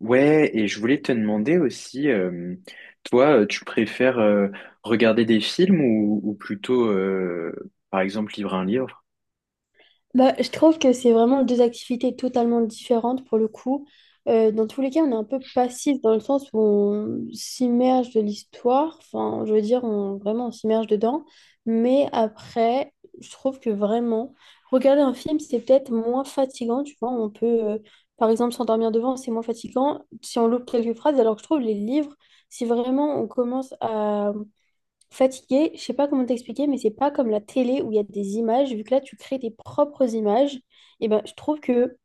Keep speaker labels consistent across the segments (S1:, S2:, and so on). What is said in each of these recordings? S1: Ouais, et je voulais te demander aussi, toi, tu préfères regarder des films ou plutôt, par exemple, lire un livre?
S2: Bah, je trouve que c'est vraiment deux activités totalement différentes pour le coup. Dans tous les cas, on est un peu passif dans le sens où on s'immerge de l'histoire. Enfin, je veux dire, vraiment, on s'immerge dedans. Mais après, je trouve que vraiment, regarder un film, c'est peut-être moins fatigant. Tu vois, on peut, par exemple, s'endormir devant, c'est moins fatigant si on loupe quelques phrases. Alors que je trouve les livres, si vraiment on commence à fatigué, je sais pas comment t'expliquer, mais c'est pas comme la télé où il y a des images. Vu que là, tu crées tes propres images, et ben, je trouve que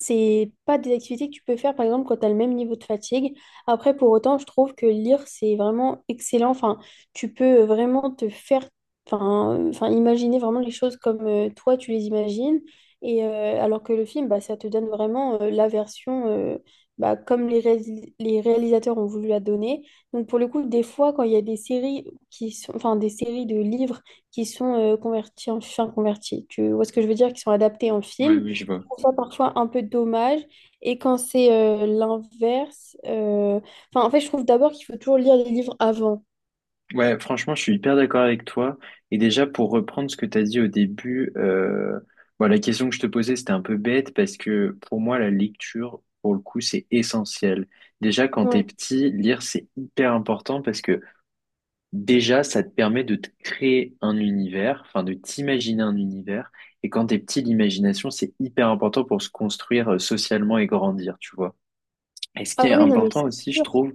S2: c'est pas des activités que tu peux faire, par exemple, quand tu as le même niveau de fatigue. Après, pour autant, je trouve que lire, c'est vraiment excellent. Enfin, tu peux vraiment te faire, enfin, enfin, imaginer vraiment les choses comme toi, tu les imagines. Et alors que le film, bah, ça te donne vraiment la version bah, comme les réalisateurs ont voulu la donner. Donc, pour le coup, des fois, quand il y a des séries qui sont, enfin, des séries de livres qui sont convertis en, enfin, convertis, tu vois ce que je veux dire, qui sont adaptés en
S1: Ouais,
S2: film,
S1: oui, je vois.
S2: trouve ça parfois un peu dommage. Et quand c'est l'inverse, enfin, en fait, je trouve d'abord qu'il faut toujours lire les livres avant.
S1: Ouais, franchement, je suis hyper d'accord avec toi. Et déjà, pour reprendre ce que tu as dit au début, bon, la question que je te posais, c'était un peu bête parce que pour moi, la lecture, pour le coup, c'est essentiel. Déjà, quand t'es
S2: Ouais.
S1: petit, lire, c'est hyper important parce que déjà, ça te permet de te créer un univers, enfin de t'imaginer un univers. Et quand t'es petit, l'imagination, c'est hyper important pour se construire socialement et grandir, tu vois. Et ce qui
S2: Ah
S1: est
S2: oui, non, mais
S1: important
S2: c'est
S1: aussi, je
S2: sûr.
S1: trouve,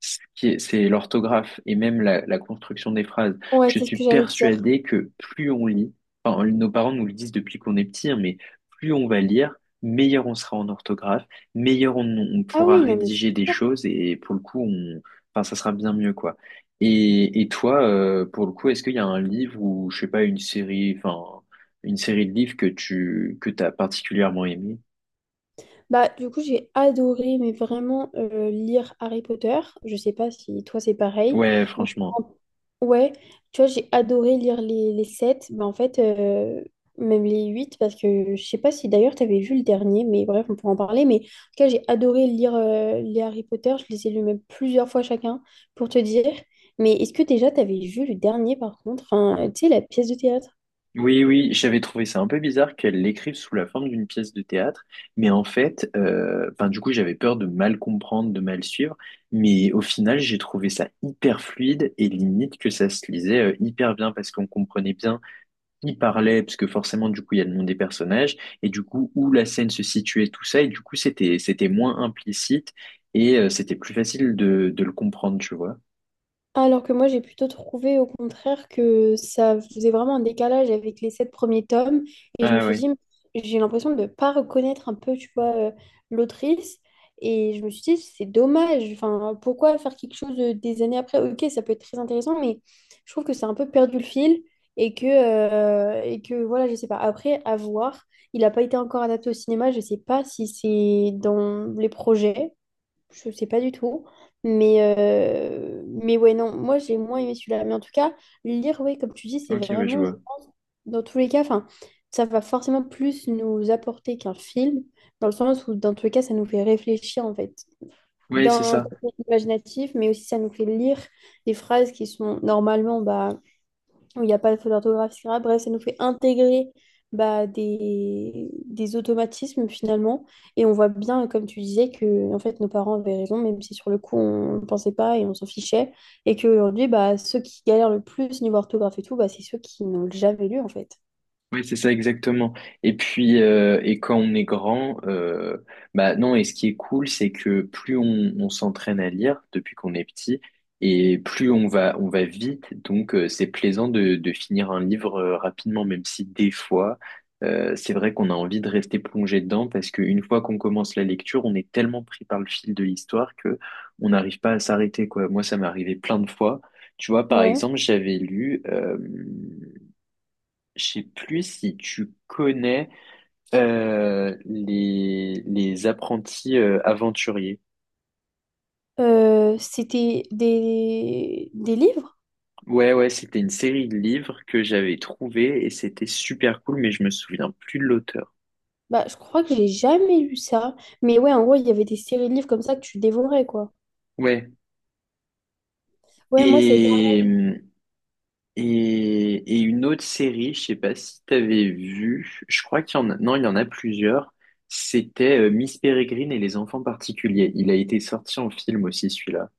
S1: c'est l'orthographe et même la construction des phrases.
S2: Ouais,
S1: Je
S2: c'est ce
S1: suis
S2: que j'allais te dire.
S1: persuadé que plus on lit, enfin, nos parents nous le disent depuis qu'on est petit, hein, mais plus on va lire, meilleur on sera en orthographe, meilleur on
S2: Ah
S1: pourra
S2: oui, non, mais
S1: rédiger des
S2: c'est sûr.
S1: choses et pour le coup, on, enfin, ça sera bien mieux, quoi. Et toi, pour le coup, est-ce qu'il y a un livre ou, je sais pas, une série, enfin, une série de livres que tu, que t'as particulièrement aimé?
S2: Bah, du coup, j'ai adoré, mais vraiment, lire Harry Potter. Je sais pas si toi, c'est pareil.
S1: Ouais, franchement.
S2: Ouais, tu vois, j'ai adoré lire les 7, mais en fait, même les 8 parce que je sais pas si d'ailleurs tu avais vu le dernier, mais bref, on pourra en parler. Mais en tout cas, j'ai adoré lire les Harry Potter, je les ai lus même plusieurs fois chacun, pour te dire. Mais est-ce que déjà tu avais vu le dernier par contre, enfin, tu sais, la pièce de théâtre?
S1: Oui, oui, j'avais trouvé ça un peu bizarre qu'elle l'écrive sous la forme d'une pièce de théâtre, mais en fait, enfin, du coup, j'avais peur de mal comprendre, de mal suivre, mais au final, j'ai trouvé ça hyper fluide et limite que ça se lisait hyper bien parce qu'on comprenait bien qui parlait, parce que forcément, du coup, il y a le nom des personnages et du coup, où la scène se situait, tout ça, et du coup, c'était moins implicite et c'était plus facile de le comprendre, tu vois.
S2: Alors que moi, j'ai plutôt trouvé au contraire que ça faisait vraiment un décalage avec les sept premiers tomes. Et je me
S1: Ah
S2: suis
S1: oui,
S2: dit, j'ai l'impression de ne pas reconnaître un peu, tu vois, l'autrice. Et je me suis dit, c'est dommage. Enfin, pourquoi faire quelque chose des années après? Ok, ça peut être très intéressant, mais je trouve que c'est un peu perdu le fil. Et que voilà, je sais pas. Après, à voir. Il n'a pas été encore adapté au cinéma. Je sais pas si c'est dans les projets. Je sais pas du tout. Mais ouais, non, moi j'ai moins aimé celui-là. Mais en tout cas, lire, ouais, comme tu dis, c'est
S1: ok, ouais, je
S2: vraiment, je
S1: vois.
S2: pense, dans tous les cas, enfin, ça va forcément plus nous apporter qu'un film, dans le sens où, dans tous les cas, ça nous fait réfléchir, en fait,
S1: Oui, c'est
S2: d'un
S1: ça.
S2: côté imaginatif, mais aussi ça nous fait lire des phrases qui sont normalement bah, où il n'y a pas de faute d'orthographe, etc. Bref, ça nous fait intégrer bah, des automatismes finalement. Et on voit bien, comme tu disais, que en fait, nos parents avaient raison, même si sur le coup, on ne pensait pas et on s'en fichait. Et qu'aujourd'hui, bah, ceux qui galèrent le plus niveau orthographe et tout, bah, c'est ceux qui n'ont jamais lu en fait.
S1: Oui, c'est ça exactement. Et puis, et quand on est grand, bah non, et ce qui est cool, c'est que plus on s'entraîne à lire depuis qu'on est petit, et plus on va vite, donc c'est plaisant de finir un livre rapidement, même si des fois, c'est vrai qu'on a envie de rester plongé dedans, parce qu'une fois qu'on commence la lecture, on est tellement pris par le fil de l'histoire que on n'arrive pas à s'arrêter, quoi. Moi, ça m'est arrivé plein de fois. Tu vois, par
S2: Ouais.
S1: exemple, j'avais lu je sais plus si tu connais les apprentis aventuriers.
S2: C'était des livres?
S1: Ouais, ouais, c'était une série de livres que j'avais trouvé et c'était super cool, mais je me souviens plus de l'auteur.
S2: Bah, je crois que j'ai jamais lu ça. Mais ouais, en gros, il y avait des séries de livres comme ça que tu dévorais, quoi.
S1: Ouais.
S2: Ouais, moi, c'est.
S1: Et, et une autre série, je sais pas si t'avais vu, je crois qu'il y en a, non, il y en a plusieurs. C'était Miss Peregrine et les enfants particuliers. Il a été sorti en film aussi, celui-là.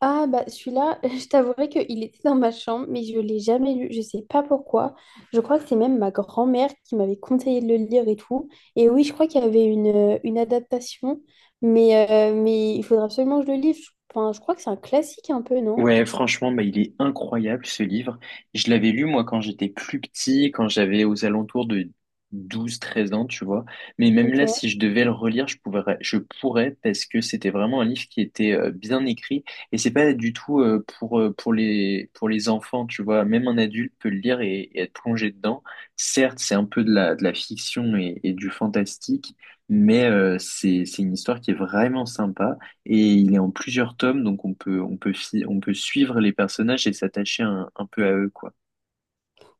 S2: Ah bah celui-là, je t'avouerai qu'il était dans ma chambre, mais je l'ai jamais lu. Je sais pas pourquoi. Je crois que c'est même ma grand-mère qui m'avait conseillé de le lire et tout. Et oui, je crois qu'il y avait une adaptation, mais il faudra absolument que je le lise. Enfin, je crois que c'est un classique un peu, non?
S1: Ouais, franchement, bah, il est incroyable ce livre. Je l'avais lu moi quand j'étais plus petit, quand j'avais aux alentours de 12, 13 ans, tu vois. Mais même là, si
S2: Ok.
S1: je devais le relire, je pourrais parce que c'était vraiment un livre qui était bien écrit et c'est pas du tout pour les enfants, tu vois. Même un adulte peut le lire et être plongé dedans. Certes, c'est un peu de la fiction et du fantastique, mais c'est une histoire qui est vraiment sympa. Et il est en plusieurs tomes, donc on peut, on peut suivre les personnages et s'attacher un peu à eux, quoi.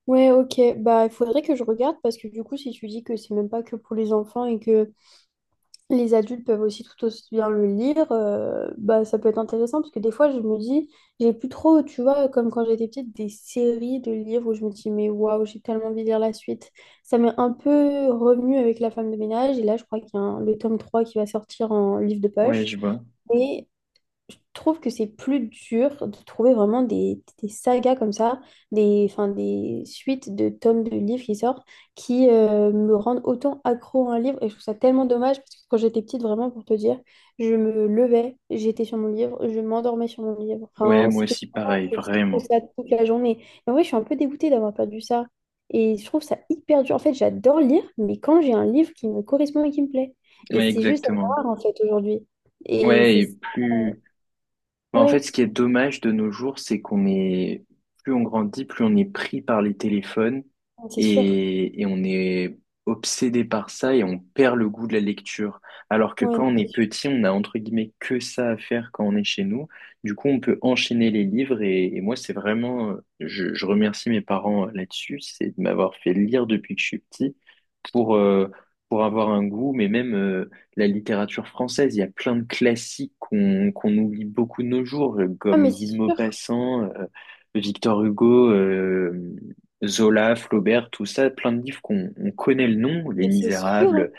S2: Ouais, ok. Bah il faudrait que je regarde parce que du coup, si tu dis que c'est même pas que pour les enfants et que les adultes peuvent aussi tout aussi bien le lire, bah, ça peut être intéressant parce que des fois je me dis, j'ai plus trop, tu vois, comme quand j'étais petite, des séries de livres où je me dis, mais waouh, j'ai tellement envie de lire la suite. Ça m'est un peu revenu avec La femme de ménage et là je crois qu'il y a le tome 3 qui va sortir en livre de
S1: Ouais,
S2: poche.
S1: je vois.
S2: Mais je trouve que c'est plus dur de trouver vraiment des sagas comme ça, des, enfin, des suites de tomes de livres qui sortent, qui me rendent autant accro à un livre. Et je trouve ça tellement dommage parce que quand j'étais petite, vraiment, pour te dire, je me levais, j'étais sur mon livre, je m'endormais sur mon livre.
S1: Ouais,
S2: Enfin,
S1: moi
S2: c'était
S1: aussi,
S2: vraiment,
S1: pareil,
S2: je faisais
S1: vraiment.
S2: ça toute la journée. Et en vrai, je suis un peu dégoûtée d'avoir perdu ça. Et je trouve ça hyper dur. En fait, j'adore lire, mais quand j'ai un livre qui me correspond et qui me plaît. Et
S1: Ouais,
S2: c'est juste
S1: exactement.
S2: rare, en fait, aujourd'hui. Et
S1: Ouais,
S2: c'est...
S1: et plus. Bah, en fait,
S2: Ouais.
S1: ce qui est dommage de nos jours, c'est qu'on est, plus on grandit, plus on est pris par les téléphones
S2: C'est sûr.
S1: et on est obsédé par ça et on perd le goût de la lecture. Alors que
S2: Ouais,
S1: quand on est
S2: c'est sûr.
S1: petit, on a entre guillemets que ça à faire quand on est chez nous. Du coup, on peut enchaîner les livres et moi, c'est vraiment, je remercie mes parents là-dessus, c'est de m'avoir fait lire depuis que je suis petit pour, euh, pour avoir un goût, mais même, la littérature française. Il y a plein de classiques qu'on oublie beaucoup de nos jours,
S2: Ah,
S1: comme
S2: mais
S1: Guy de
S2: c'est sûr.
S1: Maupassant, Victor Hugo, Zola, Flaubert, tout ça, plein de livres qu'on on connaît le nom, Les
S2: Mais c'est sûr, hein.
S1: Misérables,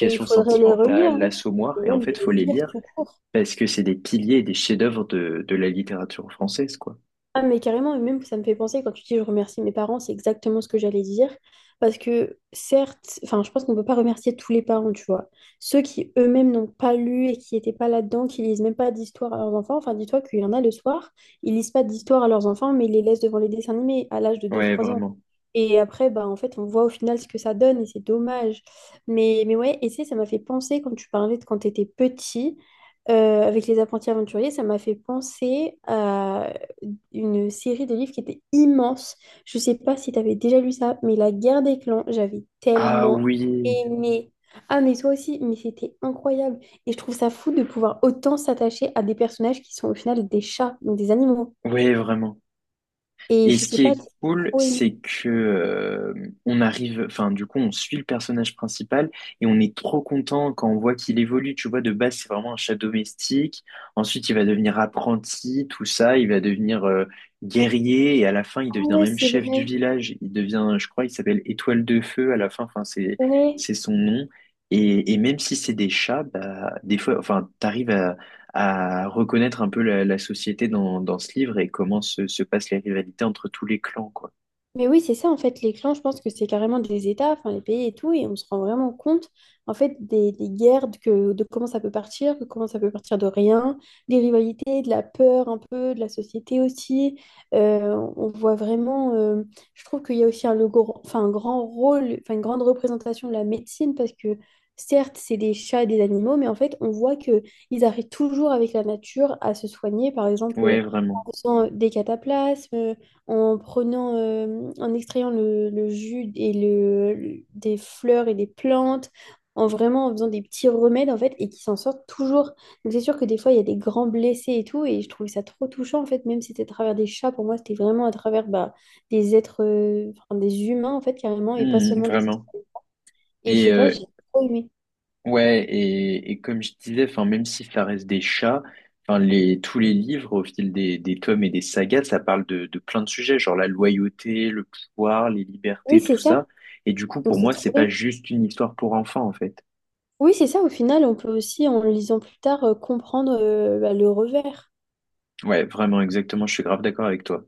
S2: Et il faudrait les relire,
S1: sentimentale,
S2: hein.
S1: L'Assommoir,
S2: Et
S1: et en
S2: même
S1: fait,
S2: les
S1: faut les
S2: lire
S1: lire
S2: tout court.
S1: parce que c'est des piliers et des chefs-d'œuvre de la littérature française, quoi.
S2: Ah, mais carrément, et même ça me fait penser quand tu dis je remercie mes parents, c'est exactement ce que j'allais dire. Parce que certes, enfin, je pense qu'on ne peut pas remercier tous les parents, tu vois. Ceux qui eux-mêmes n'ont pas lu et qui n'étaient pas là-dedans, qui lisent même pas d'histoire à leurs enfants. Enfin, dis-toi qu'il y en a le soir, ils lisent pas d'histoire à leurs enfants, mais ils les laissent devant les dessins animés à l'âge de deux
S1: Ouais,
S2: trois ans.
S1: vraiment.
S2: Et après, bah, en fait, on voit au final ce que ça donne et c'est dommage. Mais ouais, et tu sais, ça m'a fait penser quand tu parlais de quand tu étais petit avec les apprentis aventuriers, ça m'a fait penser à une série de livres qui était immense. Je sais pas si tu avais déjà lu ça, mais La guerre des clans, j'avais
S1: Ah
S2: tellement
S1: oui,
S2: aimé. Ah, mais toi aussi, mais c'était incroyable. Et je trouve ça fou de pouvoir autant s'attacher à des personnages qui sont au final des chats, donc des animaux.
S1: ouais, vraiment.
S2: Et
S1: Et
S2: je
S1: ce
S2: sais
S1: qui
S2: pas,
S1: est
S2: j'ai
S1: cool,
S2: trop
S1: c'est
S2: aimé.
S1: que on arrive, enfin du coup, on suit le personnage principal et on est trop content quand on voit qu'il évolue. Tu vois, de base, c'est vraiment un chat domestique. Ensuite, il va devenir apprenti, tout ça. Il va devenir guerrier et à la fin, il
S2: Ah
S1: devient
S2: ouais,
S1: même
S2: c'est
S1: chef du
S2: vrai.
S1: village. Il devient, je crois, il s'appelle Étoile de Feu à la fin. Enfin, c'est
S2: Ouais.
S1: c'est son nom. Et même si c'est des chats, bah, des fois, enfin, t'arrives à reconnaître un peu la, la société dans, dans ce livre et comment se, se passent les rivalités entre tous les clans, quoi.
S2: Mais oui, c'est ça en fait, les clans, je pense que c'est carrément des États, enfin les pays et tout, et on se rend vraiment compte en fait des guerres, de comment ça peut partir, de comment ça peut partir de rien, des rivalités, de la peur un peu, de la société aussi. On voit vraiment, je trouve qu'il y a aussi enfin, un grand rôle, enfin une grande représentation de la médecine, parce que certes, c'est des chats et des animaux, mais en fait, on voit que ils arrivent toujours avec la nature à se soigner, par
S1: Ouais,
S2: exemple,
S1: vraiment.
S2: en faisant des cataplasmes en prenant, en extrayant le jus et des fleurs et des plantes, en vraiment en faisant des petits remèdes en fait, et qui s'en sortent toujours. Donc c'est sûr que des fois il y a des grands blessés et tout, et je trouvais ça trop touchant en fait, même si c'était à travers des chats, pour moi c'était vraiment à travers bah, des êtres, enfin, des humains en fait carrément, et pas
S1: Hmm,
S2: seulement des...
S1: vraiment.
S2: Et je sais
S1: Et
S2: pas, j'ai trop aimé.
S1: ouais, et comme je disais, enfin, même si ça reste des chats, enfin, les, tous les livres, au fil des tomes et des sagas, ça parle de plein de sujets, genre la loyauté, le pouvoir, les
S2: Oui,
S1: libertés,
S2: c'est
S1: tout
S2: ça.
S1: ça. Et du coup,
S2: Donc
S1: pour
S2: c'est
S1: moi, c'est
S2: trop
S1: pas
S2: bien.
S1: juste une histoire pour enfants, en fait.
S2: Oui, c'est ça. Au final, on peut aussi, en lisant plus tard, comprendre bah, le revers.
S1: Ouais, vraiment, exactement, je suis grave d'accord avec toi.